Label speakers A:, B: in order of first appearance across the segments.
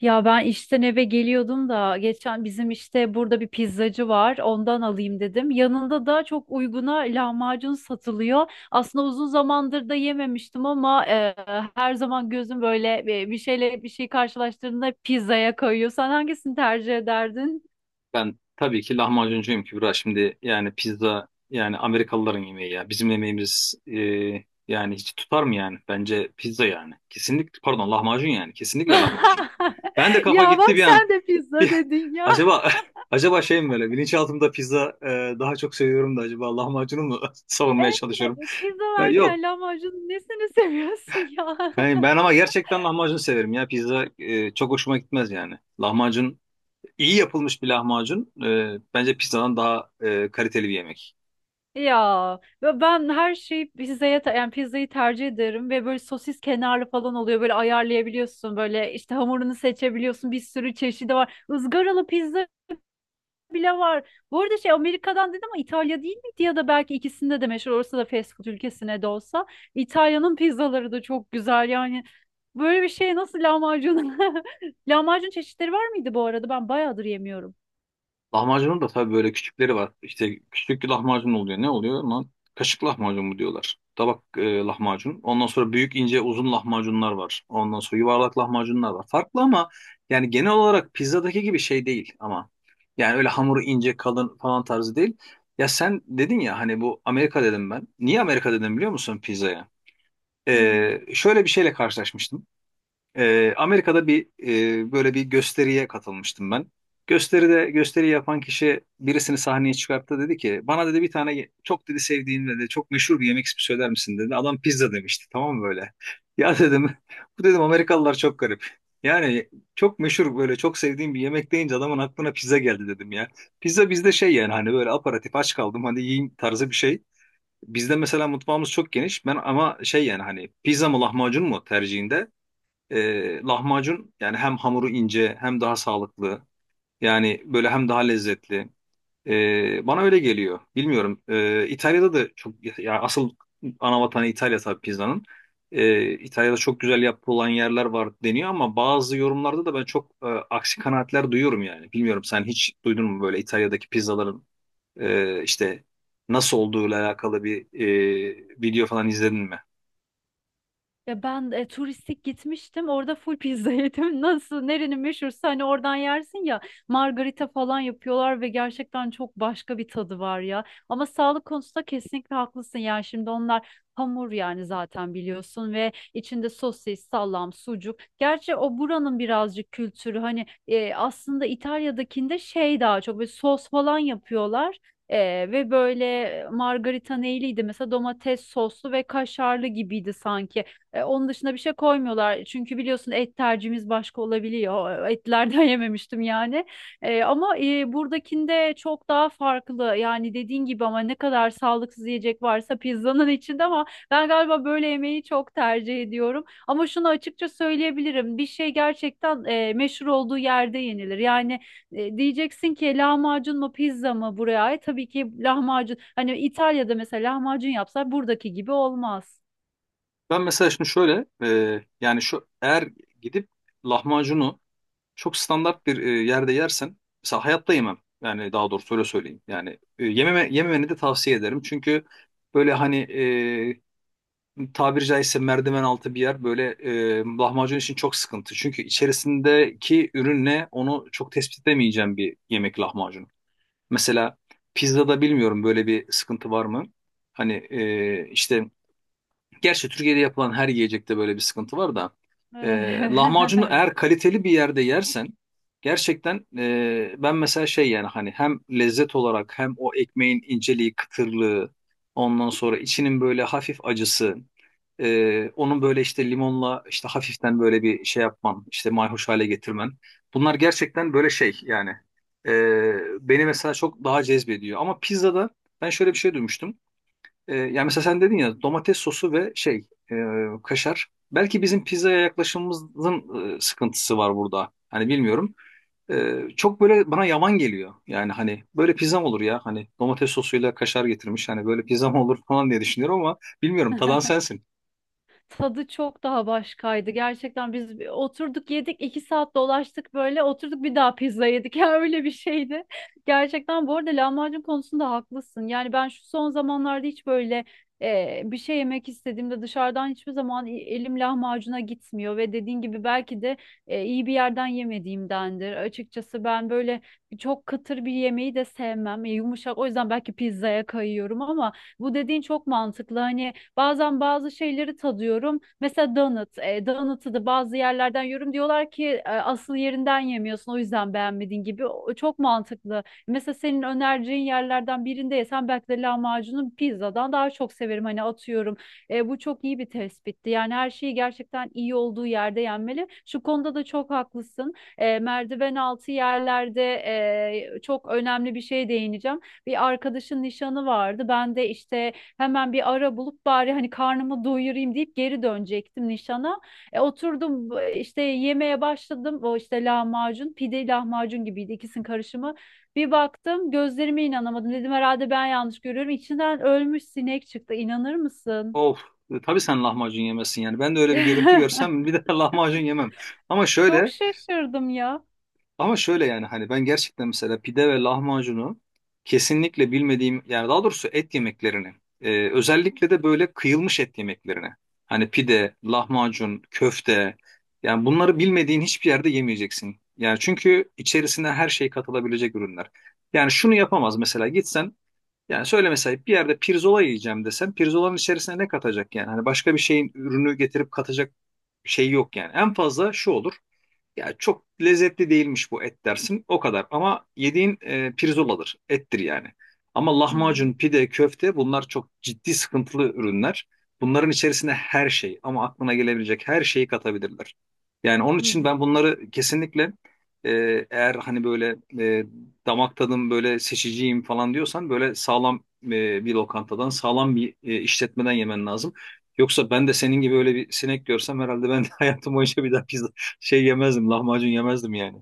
A: Ya ben işten eve geliyordum da geçen bizim işte burada bir pizzacı var, ondan alayım dedim. Yanında da çok uyguna lahmacun satılıyor. Aslında uzun zamandır da yememiştim ama her zaman gözüm böyle bir şeyle bir şey karşılaştığında pizzaya kayıyor. Sen hangisini tercih ederdin?
B: Ben tabii ki lahmacuncuyum Kübra. Şimdi yani pizza yani Amerikalıların yemeği ya. Bizim yemeğimiz yani hiç tutar mı yani? Bence pizza yani. Kesinlikle pardon lahmacun yani. Kesinlikle lahmacun. Ben de kafa
A: Ya,
B: gitti
A: bak
B: bir an.
A: sen de pizza
B: Bir,
A: dedin ya.
B: acaba acaba şey mi böyle bilinçaltımda pizza daha çok seviyorum da acaba lahmacunu mu savunmaya
A: Evet,
B: çalışıyorum?
A: pizza
B: Yok.
A: varken lahmacunun nesini seviyorsun ya?
B: Ben ama gerçekten lahmacun severim ya. Pizza çok hoşuma gitmez yani. Lahmacun. İyi yapılmış bir lahmacun bence pizzadan daha kaliteli bir yemek.
A: Ya ve ben her şeyi pizzaya yani pizzayı tercih ederim ve böyle sosis kenarlı falan oluyor, böyle ayarlayabiliyorsun, böyle işte hamurunu seçebiliyorsun, bir sürü çeşidi var, ızgaralı pizza bile var. Bu arada şey, Amerika'dan dedim ama İtalya değil miydi ya da belki ikisinde de meşhur olsa da, fast food ülkesine de olsa, İtalya'nın pizzaları da çok güzel yani. Böyle bir şey nasıl lahmacun lahmacun çeşitleri var mıydı bu arada, ben bayağıdır yemiyorum.
B: Lahmacunun da tabii böyle küçükleri var. İşte küçük bir lahmacun oluyor. Ne oluyor lan? Kaşık lahmacun mu diyorlar. Tabak lahmacun. Ondan sonra büyük ince uzun lahmacunlar var. Ondan sonra yuvarlak lahmacunlar var. Farklı ama yani genel olarak pizzadaki gibi şey değil ama. Yani öyle hamuru ince kalın falan tarzı değil. Ya sen dedin ya hani bu Amerika dedim ben. Niye Amerika dedim biliyor musun pizzaya?
A: Hı hı.
B: Şöyle bir şeyle karşılaşmıştım. Amerika'da bir böyle bir gösteriye katılmıştım ben. Gösteride gösteri yapan kişi birisini sahneye çıkarttı dedi ki bana dedi bir tane çok dedi sevdiğin dedi çok meşhur bir yemek ismi söyler misin dedi. Adam pizza demişti, tamam mı böyle? Ya dedim bu dedim Amerikalılar çok garip. Yani çok meşhur böyle çok sevdiğim bir yemek deyince adamın aklına pizza geldi dedim ya. Pizza bizde şey yani hani böyle aparatif aç kaldım hadi yiyeyim tarzı bir şey. Bizde mesela mutfağımız çok geniş. Ben ama şey yani hani pizza mı lahmacun mu tercihinde lahmacun yani hem hamuru ince hem daha sağlıklı. Yani böyle hem daha lezzetli. Bana öyle geliyor. Bilmiyorum. İtalya'da da çok ya asıl ana vatanı İtalya tabii pizzanın. İtalya'da çok güzel yapılan yerler var deniyor ama bazı yorumlarda da ben çok aksi kanaatler duyuyorum yani. Bilmiyorum sen hiç duydun mu böyle İtalya'daki pizzaların işte nasıl olduğuyla alakalı bir video falan izledin mi?
A: Ya ben turistik gitmiştim. Orada full pizza yedim. Nasıl, nerenin meşhursa hani oradan yersin ya. Margarita falan yapıyorlar ve gerçekten çok başka bir tadı var ya. Ama sağlık konusunda kesinlikle haklısın. Yani şimdi onlar hamur, yani zaten biliyorsun ve içinde sosis, salam, sucuk. Gerçi o buranın birazcık kültürü hani, aslında İtalya'dakinde şey daha çok böyle sos falan yapıyorlar. Ee, ve böyle margarita neyliydi mesela, domates soslu ve kaşarlı gibiydi sanki. Onun dışında bir şey koymuyorlar. Çünkü biliyorsun et tercihimiz başka olabiliyor. Etlerden yememiştim yani. Ama buradakinde çok daha farklı. Yani dediğin gibi, ama ne kadar sağlıksız yiyecek varsa pizzanın içinde, ama ben galiba böyle yemeği çok tercih ediyorum. Ama şunu açıkça söyleyebilirim. Bir şey gerçekten meşhur olduğu yerde yenilir. Yani diyeceksin ki lahmacun mu pizza mı buraya ait? Tabii ki lahmacun. Hani İtalya'da mesela lahmacun yapsa buradaki gibi olmaz.
B: Ben mesela şimdi şöyle yani şu eğer gidip lahmacunu çok standart bir yerde yersen mesela hayatta yemem. Yani daha doğrusu öyle söyleyeyim. Yani yememeni de tavsiye ederim. Çünkü böyle hani tabiri caizse merdiven altı bir yer böyle lahmacun için çok sıkıntı. Çünkü içerisindeki ürünle onu çok tespit edemeyeceğim bir yemek lahmacun. Mesela pizzada bilmiyorum böyle bir sıkıntı var mı? Hani işte gerçi Türkiye'de yapılan her yiyecekte böyle bir sıkıntı var da e, lahmacunu
A: Evet.
B: eğer kaliteli bir yerde yersen gerçekten ben mesela şey yani hani hem lezzet olarak hem o ekmeğin inceliği, kıtırlığı, ondan sonra içinin böyle hafif acısı, onun böyle işte limonla işte hafiften böyle bir şey yapman işte mayhoş hale getirmen, bunlar gerçekten böyle şey yani, e, beni mesela çok daha cezbediyor ama pizzada ben şöyle bir şey duymuştum. Yani mesela sen dedin ya domates sosu ve şey, e, kaşar. Belki bizim pizzaya yaklaşımımızın sıkıntısı var burada. Hani bilmiyorum. Çok böyle bana yaman geliyor. Yani hani böyle pizzam olur ya. Hani domates sosuyla kaşar getirmiş. Hani böyle pizzam olur falan diye düşünüyorum ama bilmiyorum. Tadan sensin.
A: Tadı çok daha başkaydı. Gerçekten biz bir oturduk yedik, 2 saat dolaştık, böyle oturduk bir daha pizza yedik. Ya öyle bir şeydi. Gerçekten bu arada lahmacun konusunda haklısın. Yani ben şu son zamanlarda hiç böyle bir şey yemek istediğimde dışarıdan hiçbir zaman elim lahmacuna gitmiyor ve dediğin gibi belki de iyi bir yerden yemediğimdendir. Açıkçası ben böyle çok kıtır bir yemeği de sevmem. Yumuşak o yüzden belki pizzaya kayıyorum ama bu dediğin çok mantıklı. Hani bazen bazı şeyleri tadıyorum. Mesela donut. Donut'u da bazı yerlerden yiyorum. Diyorlar ki asıl yerinden yemiyorsun, o yüzden beğenmedin gibi. O, çok mantıklı. Mesela senin önereceğin yerlerden birinde yesem belki de lahmacunu pizzadan daha çok severim. Hani atıyorum. Bu çok iyi bir tespitti. Yani her şeyi gerçekten iyi olduğu yerde yenmeli. Şu konuda da çok haklısın. Merdiven altı yerlerde çok önemli bir şeye değineceğim. Bir arkadaşın nişanı vardı. Ben de işte hemen bir ara bulup bari hani karnımı doyurayım deyip geri dönecektim nişana. Oturdum işte yemeye başladım. O işte lahmacun, pide lahmacun gibiydi, ikisinin karışımı. Bir baktım gözlerime inanamadım. Dedim herhalde ben yanlış görüyorum. İçinden ölmüş sinek çıktı. İnanır mısın?
B: Of. Tabii sen lahmacun yemezsin yani. Ben de öyle bir görüntü görsem bir de lahmacun yemem. Ama
A: Çok
B: şöyle
A: şaşırdım ya.
B: Ama şöyle yani hani ben gerçekten mesela pide ve lahmacunu kesinlikle bilmediğim yani daha doğrusu et yemeklerini özellikle de böyle kıyılmış et yemeklerini, hani pide, lahmacun, köfte, yani bunları bilmediğin hiçbir yerde yemeyeceksin. Yani çünkü içerisine her şey katılabilecek ürünler. Yani şunu yapamaz mesela gitsen yani söyle mesela bir yerde pirzola yiyeceğim desen pirzolanın içerisine ne katacak yani? Hani başka bir şeyin ürünü getirip katacak şey yok yani. En fazla şu olur. Ya çok lezzetli değilmiş bu et dersin o kadar ama yediğin pirzoladır, ettir yani. Ama
A: Hı
B: lahmacun,
A: hı.
B: pide, köfte bunlar çok ciddi sıkıntılı ürünler. Bunların içerisine her şey ama aklına gelebilecek her şeyi katabilirler. Yani onun
A: Hı
B: için
A: hı.
B: ben bunları kesinlikle, e, eğer hani böyle damak tadım böyle seçiciyim falan diyorsan böyle sağlam bir lokantadan sağlam bir işletmeden yemen lazım. Yoksa ben de senin gibi öyle bir sinek görsem herhalde ben de hayatım boyunca bir daha pizza yemezdim, lahmacun yemezdim yani.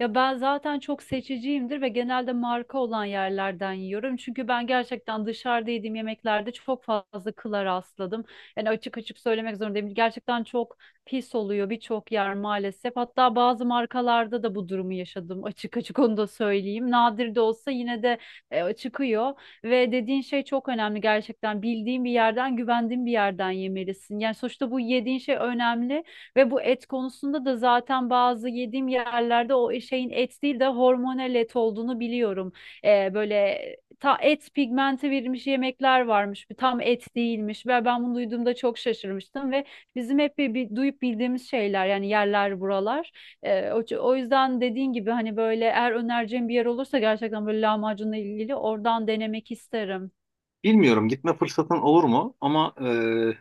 A: Ya ben zaten çok seçiciyimdir ve genelde marka olan yerlerden yiyorum. Çünkü ben gerçekten dışarıda yediğim yemeklerde çok fazla kıla rastladım. Yani açık açık söylemek zorundayım. Gerçekten çok pis oluyor birçok yer maalesef. Hatta bazı markalarda da bu durumu yaşadım. Açık açık onu da söyleyeyim. Nadir de olsa yine de çıkıyor. Ve dediğin şey çok önemli gerçekten. Bildiğin bir yerden, güvendiğin bir yerden yemelisin. Yani sonuçta bu yediğin şey önemli. Ve bu et konusunda da zaten bazı yediğim yerlerde o şeyin et değil de hormonal et olduğunu biliyorum. Böyle ta et pigmenti verilmiş yemekler varmış. Bu tam et değilmiş. Ve ben bunu duyduğumda çok şaşırmıştım ve bizim hep bir duyup bildiğimiz şeyler yani, yerler buralar. O yüzden dediğin gibi hani böyle, eğer önereceğim bir yer olursa gerçekten böyle lahmacunla ilgili oradan denemek isterim.
B: Bilmiyorum gitme fırsatın olur mu ama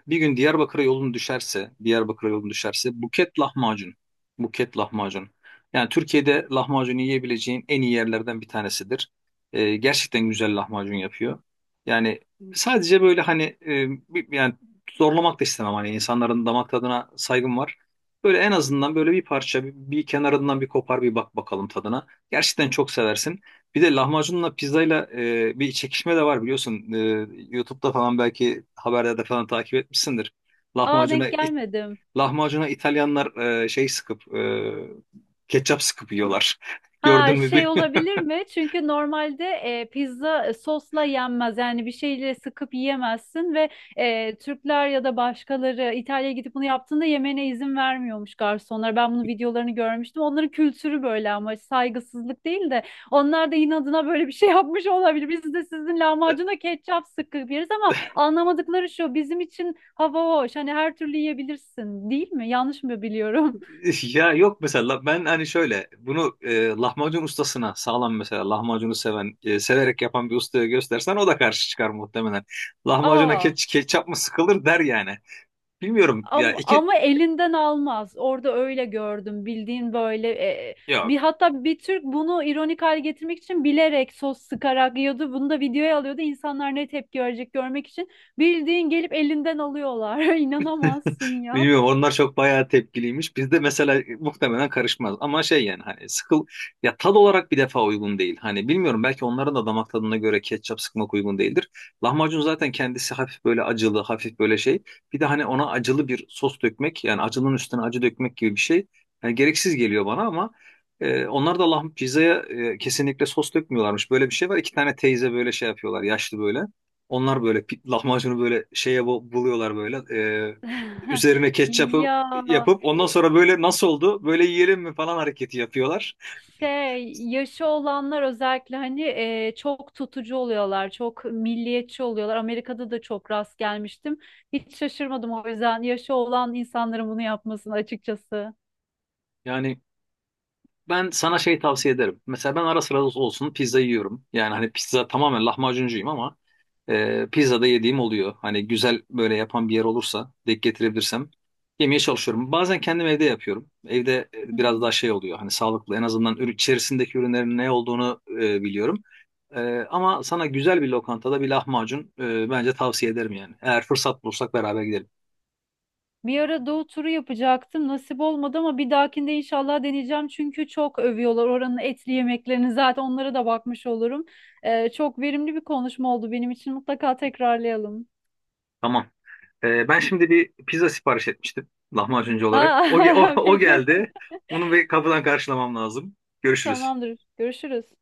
B: bir gün Diyarbakır'a yolun düşerse, Diyarbakır'a yolun düşerse Buket lahmacun. Buket lahmacun. Yani Türkiye'de lahmacunu yiyebileceğin en iyi yerlerden bir tanesidir. Gerçekten güzel lahmacun yapıyor. Yani sadece böyle hani yani zorlamak da istemem hani insanların damak tadına saygım var. Böyle en azından böyle bir parça bir kenarından bir kopar bir bak bakalım tadına. Gerçekten çok seversin. Bir de lahmacunla pizzayla bir çekişme de var biliyorsun. YouTube'da falan belki haberlerde falan takip etmişsindir.
A: Aa,
B: Lahmacuna
A: denk
B: it-
A: gelmedim.
B: Lahmacuna İtalyanlar e, şey sıkıp e, ketçap sıkıp yiyorlar.
A: Ha,
B: Gördün mü
A: şey
B: bilmiyorum.
A: olabilir mi? Çünkü normalde pizza sosla yenmez. Yani bir şeyle sıkıp yiyemezsin ve Türkler ya da başkaları İtalya'ya gidip bunu yaptığında yemene izin vermiyormuş garsonlar. Ben bunun videolarını görmüştüm. Onların kültürü böyle ama saygısızlık değil de onlar da inadına böyle bir şey yapmış olabilir. Biz de sizin lahmacuna ketçap sıkıp yeriz ama anlamadıkları şu, bizim için hava hoş. Hani her türlü yiyebilirsin değil mi? Yanlış mı biliyorum?
B: Ya yok mesela ben hani şöyle bunu lahmacun ustasına sağlam mesela lahmacunu seven severek yapan bir ustaya göstersen o da karşı çıkar muhtemelen. Lahmacuna
A: Aa.
B: ketçap mı sıkılır der yani. Bilmiyorum ya
A: Ama,
B: iki
A: ama elinden almaz. Orada öyle gördüm. Bildiğin böyle bir,
B: yok
A: hatta bir Türk bunu ironik hale getirmek için bilerek sos sıkarak yiyordu. Bunu da videoya alıyordu, İnsanlar ne tepki verecek görmek için. Bildiğin gelip elinden alıyorlar. İnanamazsın ya.
B: Bilmiyorum onlar çok bayağı tepkiliymiş. Bizde mesela muhtemelen karışmaz. Ama şey yani hani ya tad olarak bir defa uygun değil. Hani bilmiyorum belki onların da damak tadına göre ketçap sıkmak uygun değildir. Lahmacun zaten kendisi hafif böyle acılı, hafif böyle şey. Bir de hani ona acılı bir sos dökmek yani acının üstüne acı dökmek gibi bir şey. Yani gereksiz geliyor bana ama onlar da pizzaya kesinlikle sos dökmüyorlarmış. Böyle bir şey var. İki tane teyze böyle şey yapıyorlar yaşlı böyle. Onlar böyle lahmacunu böyle şeye buluyorlar böyle. e, Üzerine
A: Ya,
B: ketçapı yapıp ondan
A: e,
B: sonra böyle nasıl oldu böyle yiyelim mi falan hareketi yapıyorlar.
A: şey, yaşı olanlar özellikle hani çok tutucu oluyorlar, çok milliyetçi oluyorlar. Amerika'da da çok rast gelmiştim. Hiç şaşırmadım o yüzden yaşı olan insanların bunu yapmasını açıkçası.
B: Yani ben sana şey tavsiye ederim. Mesela ben ara sıra olsun pizza yiyorum. Yani hani pizza tamamen lahmacuncuyum ama pizza da yediğim oluyor. Hani güzel böyle yapan bir yer olursa denk getirebilirsem yemeye çalışıyorum. Bazen kendim evde yapıyorum. Evde biraz daha şey oluyor. Hani sağlıklı en azından ürün, içerisindeki ürünlerin ne olduğunu biliyorum. E, Ama sana güzel bir lokantada bir lahmacun bence tavsiye ederim yani. Eğer fırsat bulursak beraber gidelim.
A: Bir ara Doğu turu yapacaktım. Nasip olmadı ama bir dahakinde inşallah deneyeceğim. Çünkü çok övüyorlar oranın etli yemeklerini. Zaten onlara da bakmış olurum. Çok verimli bir konuşma oldu benim için. Mutlaka tekrarlayalım.
B: Tamam. Ben şimdi bir pizza sipariş etmiştim lahmacuncu olarak. O,
A: Aa,
B: o
A: peki.
B: geldi. Bunu bir kapıdan karşılamam lazım. Görüşürüz.
A: Tamamdır. Görüşürüz.